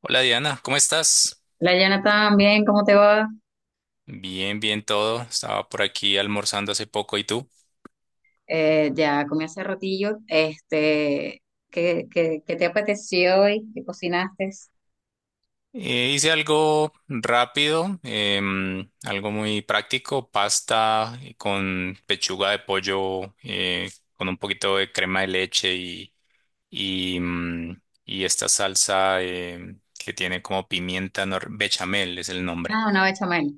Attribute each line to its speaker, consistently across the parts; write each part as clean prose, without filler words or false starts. Speaker 1: Hola Diana, ¿cómo estás?
Speaker 2: Hola Jonathan, bien, ¿cómo te va?
Speaker 1: Bien, bien todo. Estaba por aquí almorzando hace poco, ¿y tú?
Speaker 2: Ya comí hace ratillo. Este, ¿qué te apeteció hoy? ¿Qué cocinaste?
Speaker 1: Hice algo rápido, algo muy práctico, pasta con pechuga de pollo, con un poquito de crema de leche y esta salsa que tiene como pimienta nor- bechamel es el nombre.
Speaker 2: Ah, una bechamel.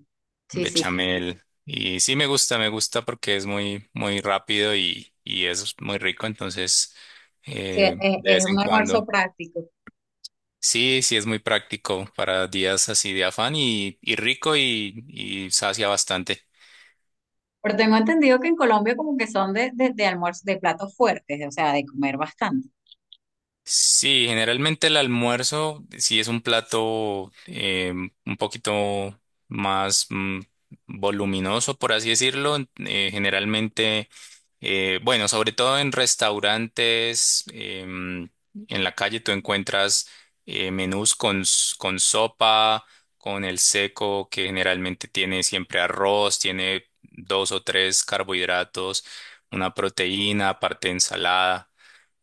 Speaker 2: Sí, sí.
Speaker 1: Bechamel. Y sí me gusta porque es muy, muy rápido y es muy rico, entonces
Speaker 2: Sí,
Speaker 1: de vez
Speaker 2: es un
Speaker 1: en
Speaker 2: almuerzo
Speaker 1: cuando.
Speaker 2: práctico.
Speaker 1: Sí, sí es muy práctico para días así de afán y rico y sacia bastante.
Speaker 2: Pero tengo entendido que en Colombia como que son de almuerzo, de platos fuertes, o sea, de comer bastante,
Speaker 1: Sí, generalmente el almuerzo sí es un plato un poquito más voluminoso, por así decirlo. Generalmente Bueno, sobre todo en restaurantes, en la calle tú encuentras menús con sopa, con el seco, que generalmente tiene siempre arroz, tiene dos o tres carbohidratos, una proteína, aparte ensalada.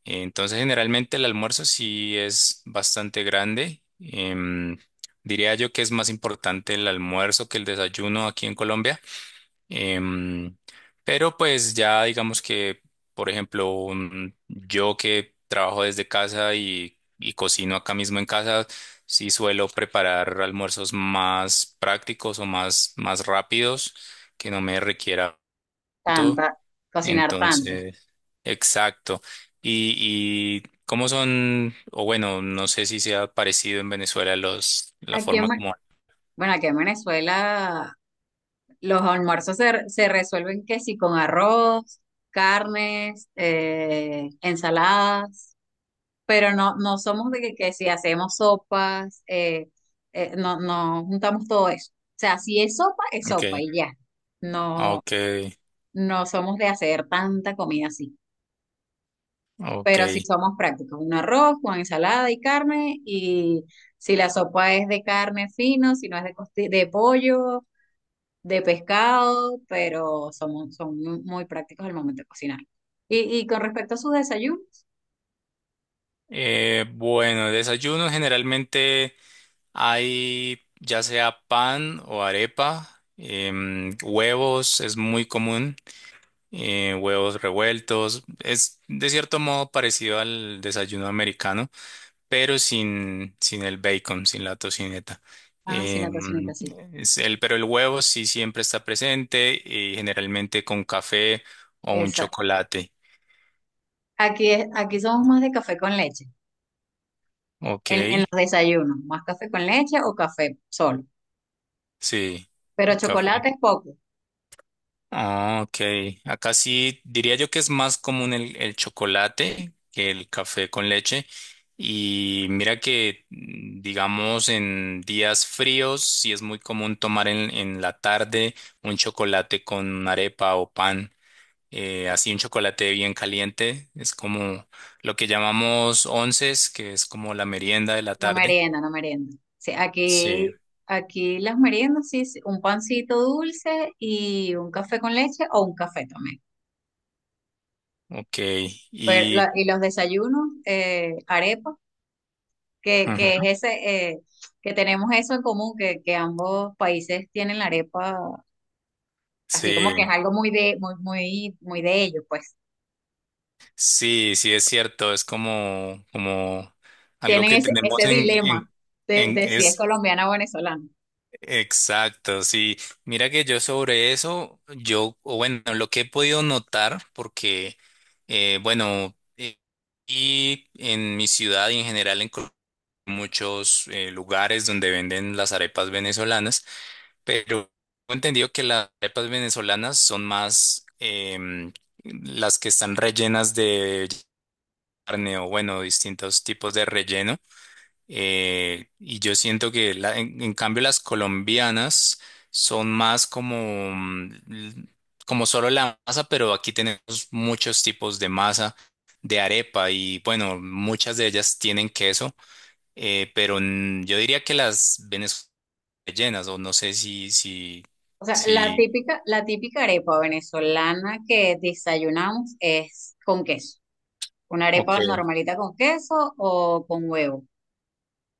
Speaker 1: Entonces, generalmente el almuerzo sí es bastante grande. Diría yo que es más importante el almuerzo que el desayuno aquí en Colombia. Em, pero pues ya digamos que, por ejemplo, yo que trabajo desde casa y cocino acá mismo en casa, sí suelo preparar almuerzos más prácticos o más rápidos que no me requiera tanto.
Speaker 2: tanta, cocinar tanto.
Speaker 1: Entonces, exacto. Y, y cómo son, o bueno, no sé si sea parecido en Venezuela la
Speaker 2: Aquí en,
Speaker 1: forma
Speaker 2: Ve-
Speaker 1: como...
Speaker 2: bueno, aquí en Venezuela los almuerzos se resuelven que sí con arroz, carnes, ensaladas. Pero no, no somos de que si hacemos sopas, no, no juntamos todo eso. O sea, si es sopa, es sopa
Speaker 1: Okay,
Speaker 2: y ya. No,
Speaker 1: ok,
Speaker 2: no somos de hacer tanta comida así.
Speaker 1: ok.
Speaker 2: Pero sí somos prácticos, un arroz con ensalada y carne, y si la sopa es de carne fino, si no es de pollo, de pescado, pero son muy, muy prácticos al momento de cocinar. Y con respecto a sus desayunos,
Speaker 1: Bueno, de desayuno generalmente hay ya sea pan o arepa, huevos es muy común, huevos revueltos, es de cierto modo parecido al desayuno americano, pero sin el bacon, sin la tocineta.
Speaker 2: ah, sí, la
Speaker 1: Em,
Speaker 2: tocineta, sí.
Speaker 1: pero el huevo sí siempre está presente y generalmente con café o un chocolate.
Speaker 2: Aquí, aquí somos más de café con leche,
Speaker 1: Ok,
Speaker 2: en los desayunos, más café con leche o café solo,
Speaker 1: sí,
Speaker 2: pero
Speaker 1: café.
Speaker 2: chocolate es poco,
Speaker 1: Ah, ok. Acá sí diría yo que es más común el chocolate que el café con leche. Y mira que, digamos, en días fríos sí es muy común tomar en la tarde un chocolate con arepa o pan. Así un chocolate bien caliente. Es como lo que llamamos onces, que es como la merienda de la
Speaker 2: no
Speaker 1: tarde.
Speaker 2: merienda, no merienda. Sí,
Speaker 1: Sí,
Speaker 2: aquí, aquí las meriendas, sí, sí, un pancito dulce y un café con leche o un café también.
Speaker 1: ok.
Speaker 2: Pero,
Speaker 1: Y
Speaker 2: y los desayunos, arepa, que
Speaker 1: Ujú,
Speaker 2: es ese, que tenemos eso en común, que ambos países tienen la arepa, así como
Speaker 1: sí.
Speaker 2: que es algo muy de, muy, muy, muy de ellos, pues.
Speaker 1: Sí, sí es cierto, es como algo
Speaker 2: Tienen
Speaker 1: que
Speaker 2: ese,
Speaker 1: tenemos.
Speaker 2: ese
Speaker 1: en,
Speaker 2: dilema
Speaker 1: en, en-
Speaker 2: de si es
Speaker 1: es
Speaker 2: colombiana o venezolana.
Speaker 1: exacto, sí. Mira que yo sobre eso, o bueno, lo que he podido notar, porque, bueno, y en mi ciudad y en general en muchos lugares donde venden las arepas venezolanas, pero he entendido que las arepas venezolanas son más las que están rellenas de carne o bueno, distintos tipos de relleno. Y yo siento que en cambio las colombianas son más como, como solo la masa, pero aquí tenemos muchos tipos de masa, de arepa y bueno, muchas de ellas tienen queso, pero yo diría que las venezolanas rellenas o no sé si, si,
Speaker 2: O sea,
Speaker 1: si,
Speaker 2: la típica arepa venezolana que desayunamos es con queso. Una
Speaker 1: ok,
Speaker 2: arepa normalita con queso o con huevo.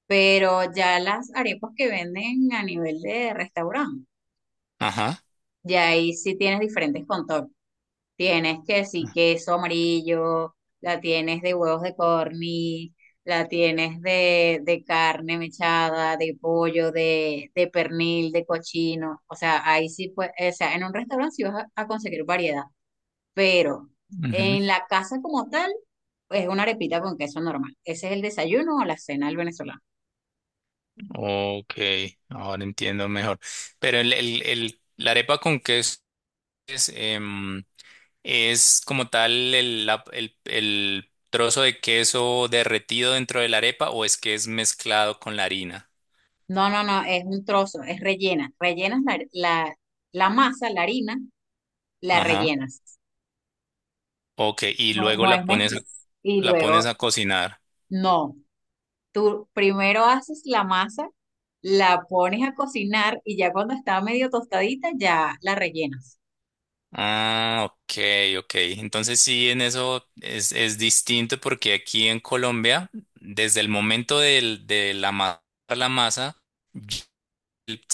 Speaker 2: Pero ya las arepas que venden a nivel de restaurante,
Speaker 1: ajá.
Speaker 2: ya ahí sí tienes diferentes contornos. Tienes que sí, queso amarillo, la tienes de huevos de corny, la tienes de carne mechada, de pollo, de pernil, de cochino. O sea, ahí sí, pues, o sea, en un restaurante sí vas a conseguir variedad, pero
Speaker 1: Ujú.
Speaker 2: en la casa como tal, es una arepita con queso normal. Ese es el desayuno o la cena del venezolano.
Speaker 1: Ok, ahora entiendo mejor. Pero la arepa con queso es, em, es como tal el trozo de queso derretido dentro de la arepa o es que es mezclado con la harina.
Speaker 2: No, no, no, es un trozo, es rellena. Rellenas la masa, la harina, la
Speaker 1: Ajá.
Speaker 2: rellenas.
Speaker 1: Ok, y
Speaker 2: No,
Speaker 1: luego
Speaker 2: no es mezcla. Y
Speaker 1: la pones
Speaker 2: luego
Speaker 1: a cocinar.
Speaker 2: no, tú primero haces la masa, la pones a cocinar y ya cuando está medio tostadita ya la rellenas.
Speaker 1: Ah, ok, ok. Entonces sí, en eso es distinto porque aquí en Colombia, desde el momento del, de la ma- la masa, ya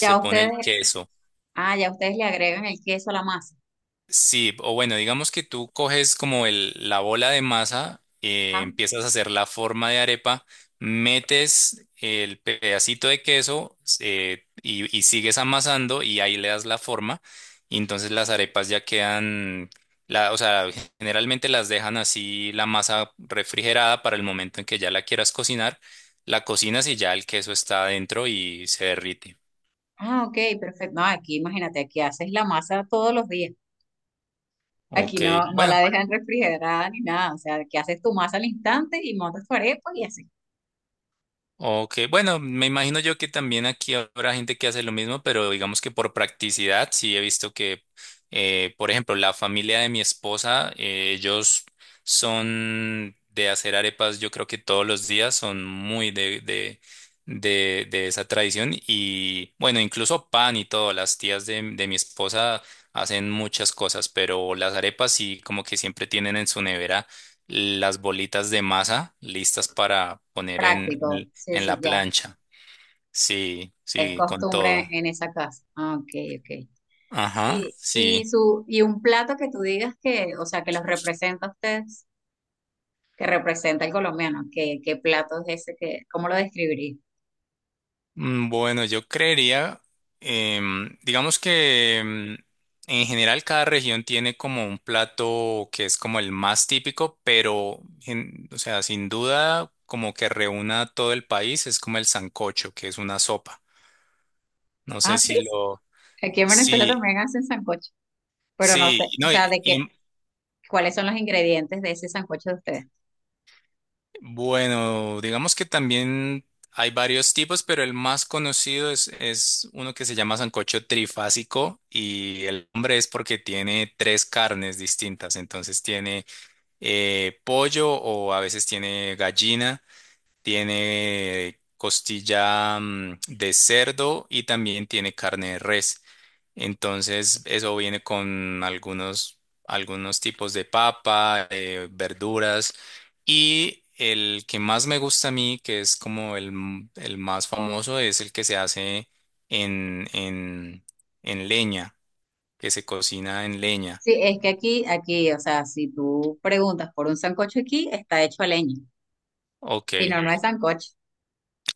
Speaker 2: Ya
Speaker 1: pone
Speaker 2: ustedes,
Speaker 1: el queso.
Speaker 2: ah, ya ustedes le agregan el queso a la masa.
Speaker 1: Sí, o bueno, digamos que tú coges como la bola de masa,
Speaker 2: Ah,
Speaker 1: empiezas a hacer la forma de arepa, metes el pedacito de queso y sigues amasando y ahí le das la forma y entonces las arepas ya quedan, o sea, generalmente las dejan así la masa refrigerada para el momento en que ya la quieras cocinar, la cocinas y ya el queso está adentro y se derrite.
Speaker 2: ok, perfecto. No, aquí imagínate, aquí haces la masa todos los días. Aquí
Speaker 1: Ok,
Speaker 2: no, no
Speaker 1: bueno.
Speaker 2: la dejan refrigerada ni nada. O sea, aquí haces tu masa al instante y montas tu arepa y así.
Speaker 1: Ok, bueno, me imagino yo que también aquí habrá gente que hace lo mismo, pero digamos que por practicidad sí he visto que, por ejemplo, la familia de mi esposa, ellos son de hacer arepas, yo creo que todos los días son muy de esa tradición y bueno, incluso pan y todo, las tías de mi esposa hacen muchas cosas, pero las arepas sí como que siempre tienen en su nevera las bolitas de masa listas para poner en...
Speaker 2: Práctico. Sí,
Speaker 1: En
Speaker 2: sí,
Speaker 1: la
Speaker 2: ya.
Speaker 1: plancha. Sí,
Speaker 2: Es
Speaker 1: sí, con
Speaker 2: costumbre
Speaker 1: todo.
Speaker 2: en esa casa. Ah, ok, ok.
Speaker 1: Ajá,
Speaker 2: Y,
Speaker 1: sí.
Speaker 2: su, y un plato que tú digas que, o sea, que los representa a ustedes, que representa al colombiano, ¿qué plato es ese? Que, ¿cómo lo describirías?
Speaker 1: Bueno, yo creería, digamos que en general cada región tiene como un plato que es como el más típico, pero, o sea, sin duda, como que reúna a todo el país, es como el sancocho, que es una sopa. No
Speaker 2: Ah,
Speaker 1: sé
Speaker 2: sí,
Speaker 1: si lo...
Speaker 2: aquí en Venezuela
Speaker 1: Sí,
Speaker 2: también hacen sancocho, pero no
Speaker 1: sí,
Speaker 2: sé, o
Speaker 1: no.
Speaker 2: sea, cuáles son los ingredientes de ese sancocho de ustedes.
Speaker 1: Bueno, digamos que también hay varios tipos, pero el más conocido es uno que se llama sancocho trifásico y el nombre es porque tiene tres carnes distintas. Entonces tiene pollo o a veces tiene gallina, tiene costilla de cerdo y también tiene carne de res. Entonces, eso viene con algunos tipos de papa, verduras. Y el que más me gusta a mí, que es como el más famoso, es el que se hace en, en, en leña, que se cocina en leña.
Speaker 2: Sí, es que aquí, aquí, o sea, si tú preguntas por un sancocho aquí, está hecho a leña,
Speaker 1: Ok.
Speaker 2: si no, no es sancocho.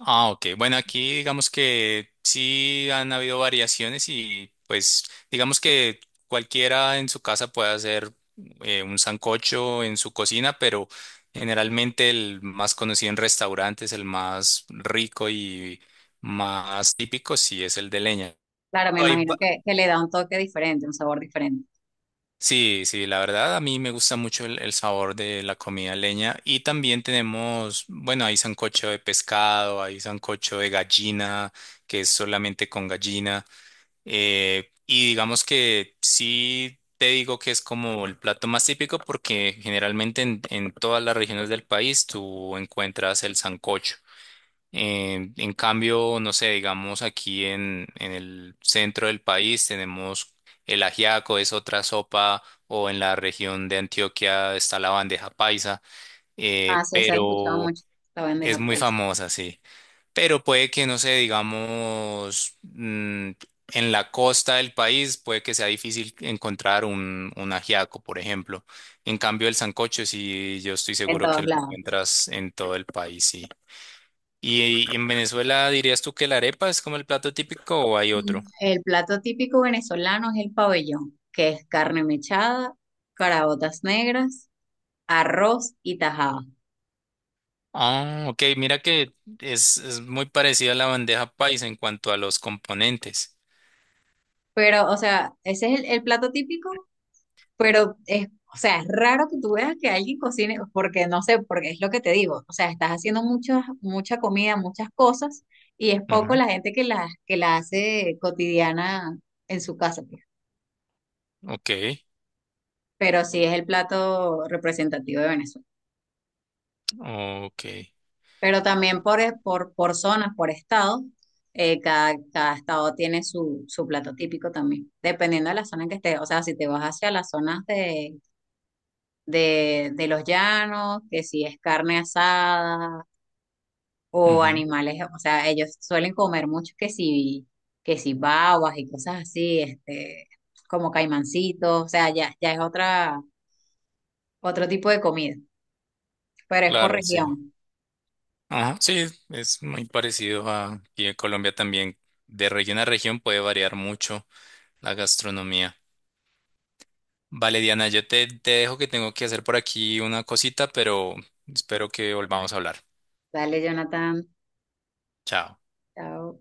Speaker 1: Ah, ok. Bueno, aquí digamos que sí han habido variaciones y pues digamos que cualquiera en su casa puede hacer un sancocho en su cocina, pero generalmente el más conocido en restaurantes, el más rico y más típico, sí es el de leña.
Speaker 2: Claro, me
Speaker 1: Hay
Speaker 2: imagino que le da un toque diferente, un sabor diferente.
Speaker 1: Sí, sí, la verdad a mí me gusta mucho el sabor de la comida leña y también tenemos, bueno, hay sancocho de pescado, hay sancocho de gallina, que es solamente con gallina. Y digamos que sí te digo que es como el plato más típico porque generalmente en todas las regiones del país tú encuentras el sancocho. En cambio, no sé, digamos aquí en el centro del país tenemos el ajiaco, es otra sopa, o en la región de Antioquia está la bandeja paisa,
Speaker 2: Ah, sí, eso lo he escuchado
Speaker 1: pero
Speaker 2: mucho, la
Speaker 1: es
Speaker 2: bandeja
Speaker 1: muy
Speaker 2: paisa,
Speaker 1: famosa, sí. Pero puede que, no sé, digamos, en la costa del país puede que sea difícil encontrar un ajiaco, por ejemplo. En cambio, el sancocho, sí, yo estoy
Speaker 2: en
Speaker 1: seguro que
Speaker 2: todos
Speaker 1: lo
Speaker 2: lados.
Speaker 1: encuentras en todo el país, sí. ¿Y en Venezuela dirías tú que la arepa es como el plato típico o hay
Speaker 2: Mm.
Speaker 1: otro?
Speaker 2: El plato típico venezolano es el pabellón, que es carne mechada, caraotas negras, arroz y tajada.
Speaker 1: Ah, ok, mira que es muy parecida a la bandeja paisa en cuanto a los componentes.
Speaker 2: Pero, o sea, ese es el plato típico, pero es, o sea, es raro que tú veas que alguien cocine, porque no sé, porque es lo que te digo. O sea, estás haciendo muchas, mucha comida, muchas cosas, y es poco
Speaker 1: Ujú.
Speaker 2: la gente que la hace cotidiana en su casa. Pues.
Speaker 1: Ok,
Speaker 2: Pero sí es el plato representativo de Venezuela.
Speaker 1: ok.
Speaker 2: Pero también por zonas, por estado, cada, cada estado tiene su, su plato típico también, dependiendo de la zona en que estés. O sea, si te vas hacia las zonas de los llanos, que si es carne asada o
Speaker 1: Ujú.
Speaker 2: animales, o sea, ellos suelen comer mucho que si babas y cosas así, este, como caimancitos, o sea, ya, ya es otra, otro tipo de comida, pero es por
Speaker 1: Claro, sí.
Speaker 2: región.
Speaker 1: Ajá, sí, es muy parecido a... Y en Colombia también, de región a región puede variar mucho la gastronomía. Vale, Diana, yo te dejo que tengo que hacer por aquí una cosita, pero espero que volvamos a hablar.
Speaker 2: Dale, Jonathan.
Speaker 1: Chao.
Speaker 2: Chao.